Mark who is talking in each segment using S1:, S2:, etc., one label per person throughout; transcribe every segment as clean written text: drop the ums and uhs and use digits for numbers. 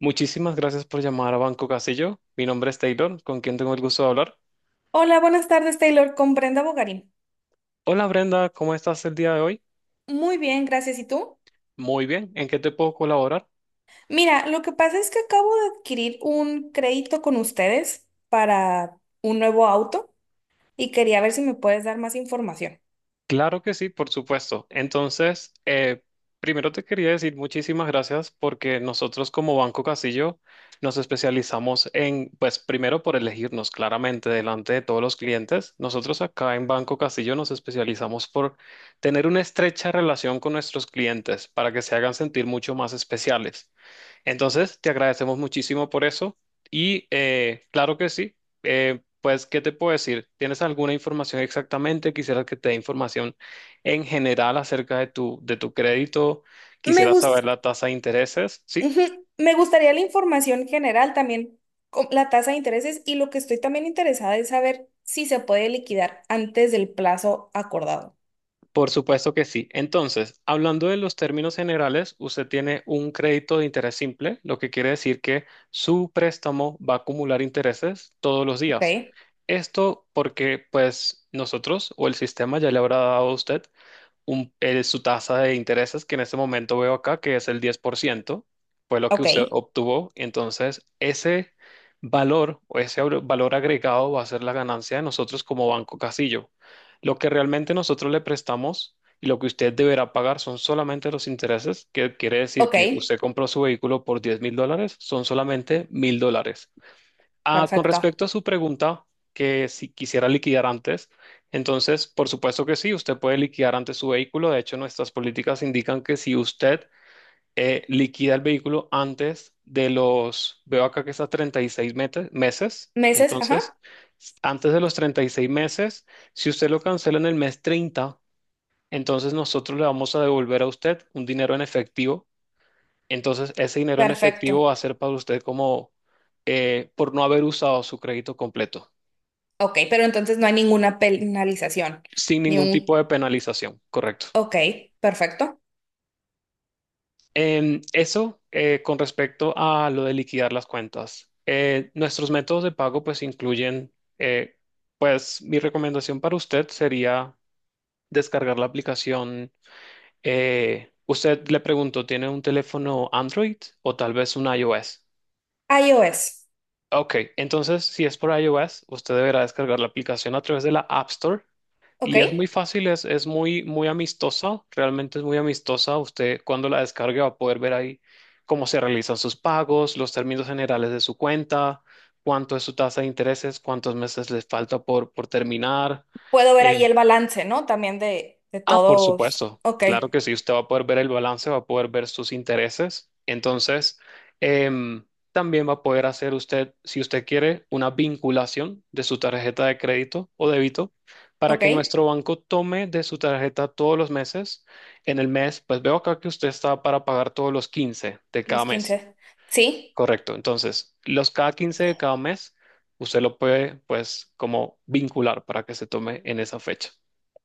S1: Muchísimas gracias por llamar a Banco Casillo. Mi nombre es Taylor, ¿con quien tengo el gusto de hablar?
S2: Hola, buenas tardes, Taylor, con Brenda Bogarín.
S1: Hola Brenda, ¿cómo estás el día de hoy?
S2: Muy bien, gracias. ¿Y tú?
S1: Muy bien, ¿en qué te puedo colaborar?
S2: Mira, lo que pasa es que acabo de adquirir un crédito con ustedes para un nuevo auto y quería ver si me puedes dar más información.
S1: Claro que sí, por supuesto. Entonces, primero te quería decir muchísimas gracias porque nosotros como Banco Casillo nos especializamos en, pues primero por elegirnos claramente delante de todos los clientes. Nosotros acá en Banco Casillo nos especializamos por tener una estrecha relación con nuestros clientes para que se hagan sentir mucho más especiales. Entonces, te agradecemos muchísimo por eso y claro que sí. eh, pues, ¿qué te puedo decir? ¿Tienes alguna información exactamente? Quisiera que te dé información en general acerca de tu crédito.
S2: Me
S1: Quisiera
S2: gusta.
S1: saber la tasa de intereses. Sí,
S2: Ujú. Me gustaría la información general también, la tasa de intereses y lo que estoy también interesada es saber si se puede liquidar antes del plazo acordado.
S1: por supuesto que sí. Entonces, hablando de los términos generales, usted tiene un crédito de interés simple, lo que quiere decir que su préstamo va a acumular intereses todos los días.
S2: Ok,
S1: Esto porque, pues, nosotros o el sistema ya le habrá dado a usted su tasa de intereses, que en este momento veo acá, que es el 10% fue lo que
S2: ok,
S1: usted obtuvo. Entonces, ese valor o ese valor agregado va a ser la ganancia de nosotros como Banco Casillo. Lo que realmente nosotros le prestamos y lo que usted deberá pagar son solamente los intereses, que quiere decir
S2: ok,
S1: que usted compró su vehículo por $10,000, son solamente $1,000. Ah, con
S2: perfecto.
S1: respecto a su pregunta, que si quisiera liquidar antes, entonces, por supuesto que sí, usted puede liquidar antes su vehículo. De hecho, nuestras políticas indican que si usted liquida el vehículo antes de los, veo acá que está 36 meses,
S2: Meses,
S1: entonces,
S2: ajá,
S1: antes de los 36 meses, si usted lo cancela en el mes 30, entonces nosotros le vamos a devolver a usted un dinero en efectivo. Entonces, ese dinero en efectivo
S2: perfecto.
S1: va a ser para usted como por no haber usado su crédito completo,
S2: Ok, pero entonces no hay ninguna penalización,
S1: sin
S2: ni
S1: ningún tipo
S2: un...
S1: de penalización, correcto.
S2: Ok, perfecto.
S1: Eso con respecto a lo de liquidar las cuentas. Nuestros métodos de pago pues incluyen, eh, pues mi recomendación para usted sería descargar la aplicación. Usted le pregunto, ¿tiene un teléfono Android o tal vez un iOS?
S2: iOS,
S1: Ok, entonces si es por iOS, usted deberá descargar la aplicación a través de la App Store
S2: ok.
S1: y es muy fácil, es muy, muy amistosa, realmente es muy amistosa. Usted cuando la descargue va a poder ver ahí cómo se realizan sus pagos, los términos generales de su cuenta, cuánto es su tasa de intereses, cuántos meses les falta por terminar.
S2: Puedo ver ahí
S1: eh,
S2: el balance, ¿no? También de
S1: Ah, por
S2: todos.
S1: supuesto.
S2: Ok,
S1: Claro que sí, usted va a poder ver el balance, va a poder ver sus intereses. Entonces, em, también va a poder hacer usted, si usted quiere, una vinculación de su tarjeta de crédito o débito para que
S2: ok,
S1: nuestro banco tome de su tarjeta todos los meses. En el mes, pues veo acá que usted está para pagar todos los 15 de cada
S2: los
S1: mes.
S2: quince. Sí.
S1: Correcto. Entonces, los cada 15 de cada mes, usted lo puede, pues, como vincular para que se tome en esa fecha.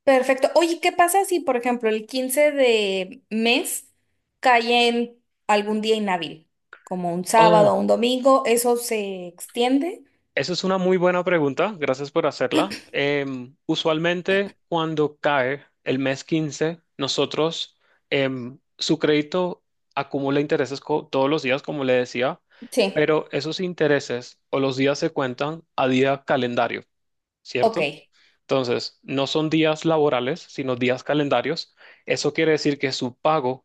S2: Perfecto. Oye, ¿qué pasa si, por ejemplo, el 15 de mes cae en algún día inhábil, como un sábado
S1: Oh,
S2: o un domingo? ¿Eso se extiende?
S1: esa es una muy buena pregunta, gracias por hacerla. Usualmente cuando cae el mes 15 nosotros, su crédito acumula intereses todos los días, como le decía,
S2: Sí.
S1: pero esos intereses o los días se cuentan a día calendario,
S2: Ok.
S1: ¿cierto? Entonces, no son días laborales, sino días calendarios. Eso quiere decir que su pago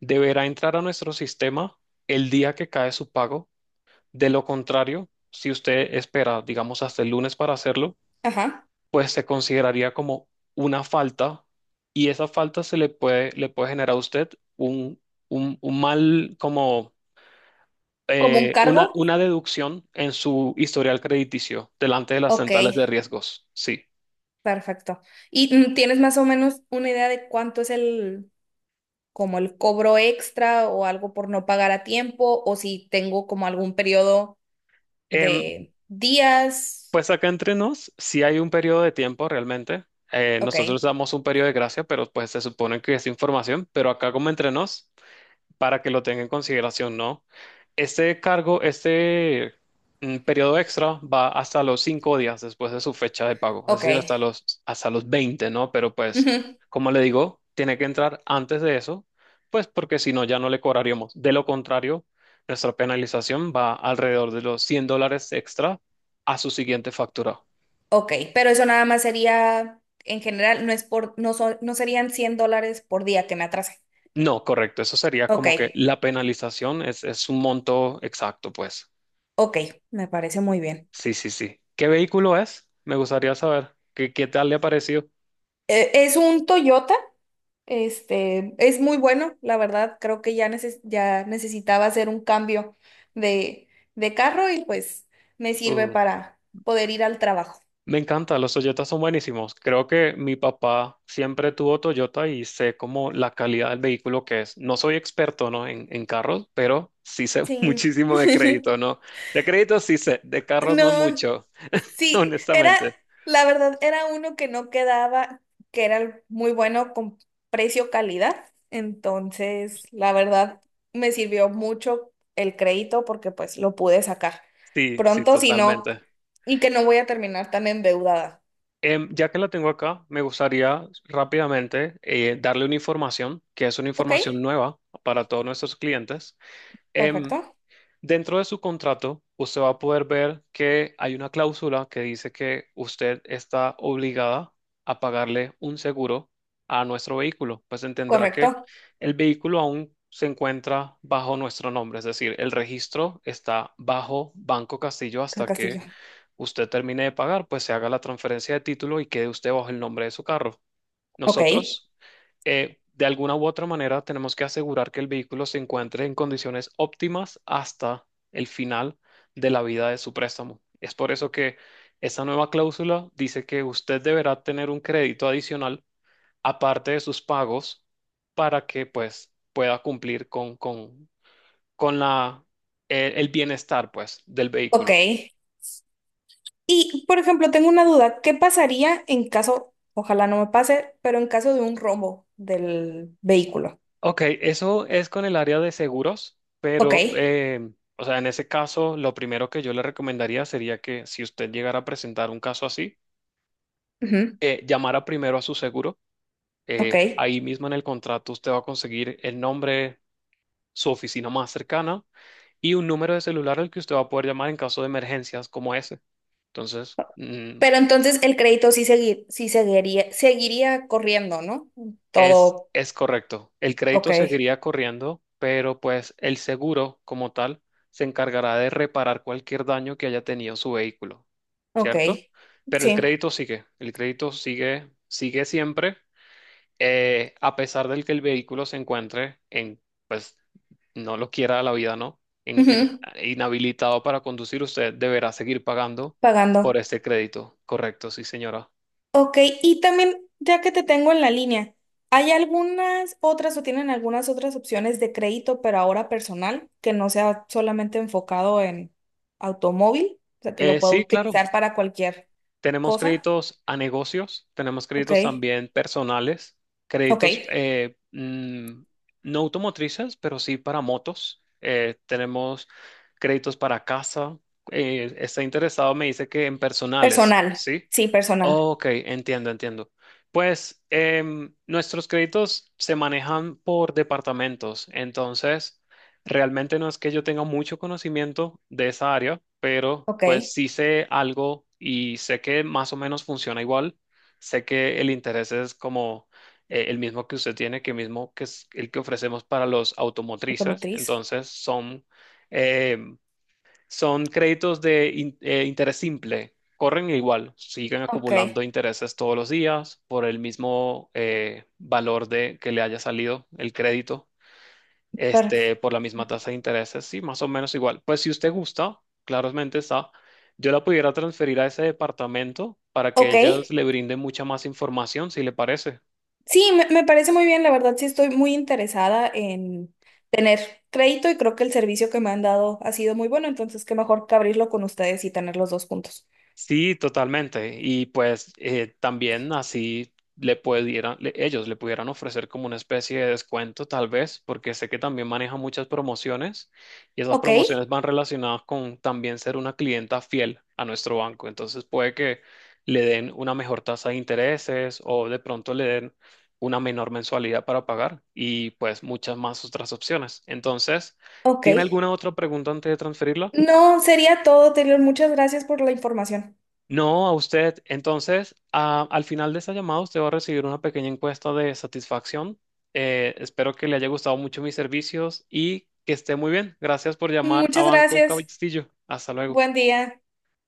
S1: deberá entrar a nuestro sistema el día que cae su pago. De lo contrario, si usted espera, digamos, hasta el lunes para hacerlo,
S2: Ajá.
S1: pues se consideraría como una falta y esa falta se le puede generar a usted un, un mal, como
S2: ¿Como un
S1: una,
S2: cargo?
S1: una deducción en su historial crediticio delante de las
S2: Ok.
S1: centrales de riesgos. Sí.
S2: Perfecto. ¿Y tienes más o menos una idea de cuánto es el, como el cobro extra o algo por no pagar a tiempo o si tengo como algún periodo
S1: Em,
S2: de días?
S1: pues acá entre nos, si hay un periodo de tiempo realmente. Nosotros
S2: Ok.
S1: damos un periodo de gracia, pero pues se supone que es información, pero acá como entre nos, para que lo tenga en consideración, ¿no? Este cargo, periodo extra va hasta los 5 días después de su fecha de pago, es
S2: Ok.
S1: decir, hasta los 20, ¿no? Pero pues,
S2: Ujú.
S1: como le digo, tiene que entrar antes de eso, pues porque si no, ya no le cobraríamos. De lo contrario, nuestra penalización va alrededor de los $100 extra a su siguiente factura.
S2: Ok, pero eso nada más sería, en general, no es por, no son, no serían $100 por día que me atrase.
S1: No, correcto, eso sería
S2: Ok,
S1: como que la penalización es un monto exacto, pues.
S2: ok, me parece muy bien.
S1: Sí, sí, sí. ¿Qué vehículo es? Me gustaría saber. ¿Qué, qué tal le ha parecido?
S2: Es un Toyota, este, es muy bueno, la verdad, creo que ya, ya necesitaba hacer un cambio de, de carro y pues me sirve
S1: Uh,
S2: para poder ir al trabajo.
S1: Me encanta, los Toyotas son buenísimos. Creo que mi papá siempre tuvo Toyota y sé como la calidad del vehículo que es. No soy experto, ¿no? En carros, pero sí sé
S2: Sí.
S1: muchísimo de crédito, ¿no? De crédito sí sé, de carros no
S2: No,
S1: mucho,
S2: sí, era,
S1: honestamente.
S2: la verdad, era uno que no quedaba, que era muy bueno con precio-calidad. Entonces, la verdad, me sirvió mucho el crédito porque pues lo pude sacar
S1: Sí, sí,
S2: pronto, si no,
S1: totalmente.
S2: y que no voy a terminar tan endeudada.
S1: Ya que la tengo acá, me gustaría rápidamente darle una información, que es una
S2: Ok,
S1: información nueva para todos nuestros clientes. Em,
S2: perfecto,
S1: Dentro de su contrato, usted va a poder ver que hay una cláusula que dice que usted está obligada a pagarle un seguro a nuestro vehículo. Pues entenderá que
S2: correcto,
S1: el vehículo aún se encuentra bajo nuestro nombre, es decir, el registro está bajo Banco Castillo
S2: creo
S1: hasta
S2: que sí
S1: que
S2: yo.
S1: usted termine de pagar, pues se haga la transferencia de título y quede usted bajo el nombre de su carro.
S2: Ok,
S1: Nosotros, de alguna u otra manera, tenemos que asegurar que el vehículo se encuentre en condiciones óptimas hasta el final de la vida de su préstamo. Es por eso que esa nueva cláusula dice que usted deberá tener un crédito adicional aparte de sus pagos para que pues pueda cumplir con la, el bienestar pues del
S2: ok.
S1: vehículo.
S2: Y, por ejemplo, tengo una duda, ¿qué pasaría en caso, ojalá no me pase, pero en caso de un rombo del vehículo?
S1: Ok, eso es con el área de seguros,
S2: Ok.
S1: pero, o sea, en ese caso, lo primero que yo le recomendaría sería que si usted llegara a presentar un caso así,
S2: Ujú,
S1: llamara primero a su seguro.
S2: ok.
S1: Ahí mismo en el contrato usted va a conseguir el nombre, su oficina más cercana y un número de celular al que usted va a poder llamar en caso de emergencias como ese. Entonces, mm,
S2: Pero entonces el crédito sí, sí seguiría, seguiría corriendo, ¿no?
S1: Es,
S2: Todo.
S1: es correcto. El
S2: Ok.
S1: crédito seguiría corriendo, pero pues el seguro como tal se encargará de reparar cualquier daño que haya tenido su vehículo,
S2: Ok.
S1: ¿cierto? Pero
S2: Sí.
S1: el crédito sigue, sigue siempre, a pesar del que el vehículo se encuentre en, pues, no lo quiera la vida, ¿no?
S2: Ujú.
S1: Inhabilitado para conducir, usted deberá seguir pagando por
S2: Pagando.
S1: este crédito. Correcto, sí, señora.
S2: Ok. Y también, ya que te tengo en la línea, ¿hay algunas otras o tienen algunas otras opciones de crédito, pero ahora personal, que no sea solamente enfocado en automóvil? O sea, que lo puedo
S1: Sí, claro.
S2: utilizar para cualquier
S1: Tenemos
S2: cosa.
S1: créditos a negocios, tenemos créditos
S2: Ok.
S1: también personales,
S2: Ok.
S1: créditos no automotrices, pero sí para motos. Tenemos créditos para casa. Está interesado, me dice que en personales,
S2: Personal.
S1: ¿sí?
S2: Sí, personal.
S1: Ok, entiendo, entiendo. Pues nuestros créditos se manejan por departamentos, entonces realmente no es que yo tenga mucho conocimiento de esa área, pero pues
S2: Ok.
S1: sí sé algo y sé que más o menos funciona igual. Sé que el interés es como el mismo que usted tiene, que mismo que es el que ofrecemos para los automotrices,
S2: Automotriz.
S1: entonces son em, son créditos de interés simple, corren igual, siguen
S2: Ok,
S1: acumulando intereses todos los días por el mismo valor de que le haya salido el crédito,
S2: perfecto.
S1: este, por la misma tasa de intereses, sí, más o menos igual. Pues si usted gusta, claramente está, yo la pudiera transferir a ese departamento para que
S2: Ok,
S1: ellas le brinden mucha más información, si le parece.
S2: sí, me parece muy bien, la verdad sí estoy muy interesada en tener crédito y creo que el servicio que me han dado ha sido muy bueno, entonces qué mejor que abrirlo con ustedes y tener los dos juntos.
S1: Sí, totalmente. Y pues también así le pudieran, ellos le pudieran ofrecer como una especie de descuento, tal vez, porque sé que también maneja muchas promociones y esas
S2: Ok,
S1: promociones van relacionadas con también ser una clienta fiel a nuestro banco. Entonces puede que le den una mejor tasa de intereses o de pronto le den una menor mensualidad para pagar y pues muchas más otras opciones. Entonces,
S2: ok.
S1: ¿tiene alguna otra pregunta antes de transferirla?
S2: No, sería todo, Taylor. Muchas gracias por la información.
S1: No, a usted. Entonces, al final de esta llamada, usted va a recibir una pequeña encuesta de satisfacción. Espero que le haya gustado mucho mis servicios y que esté muy bien. Gracias por llamar a
S2: Muchas
S1: Banco
S2: gracias.
S1: Castillo. Hasta luego.
S2: Buen día.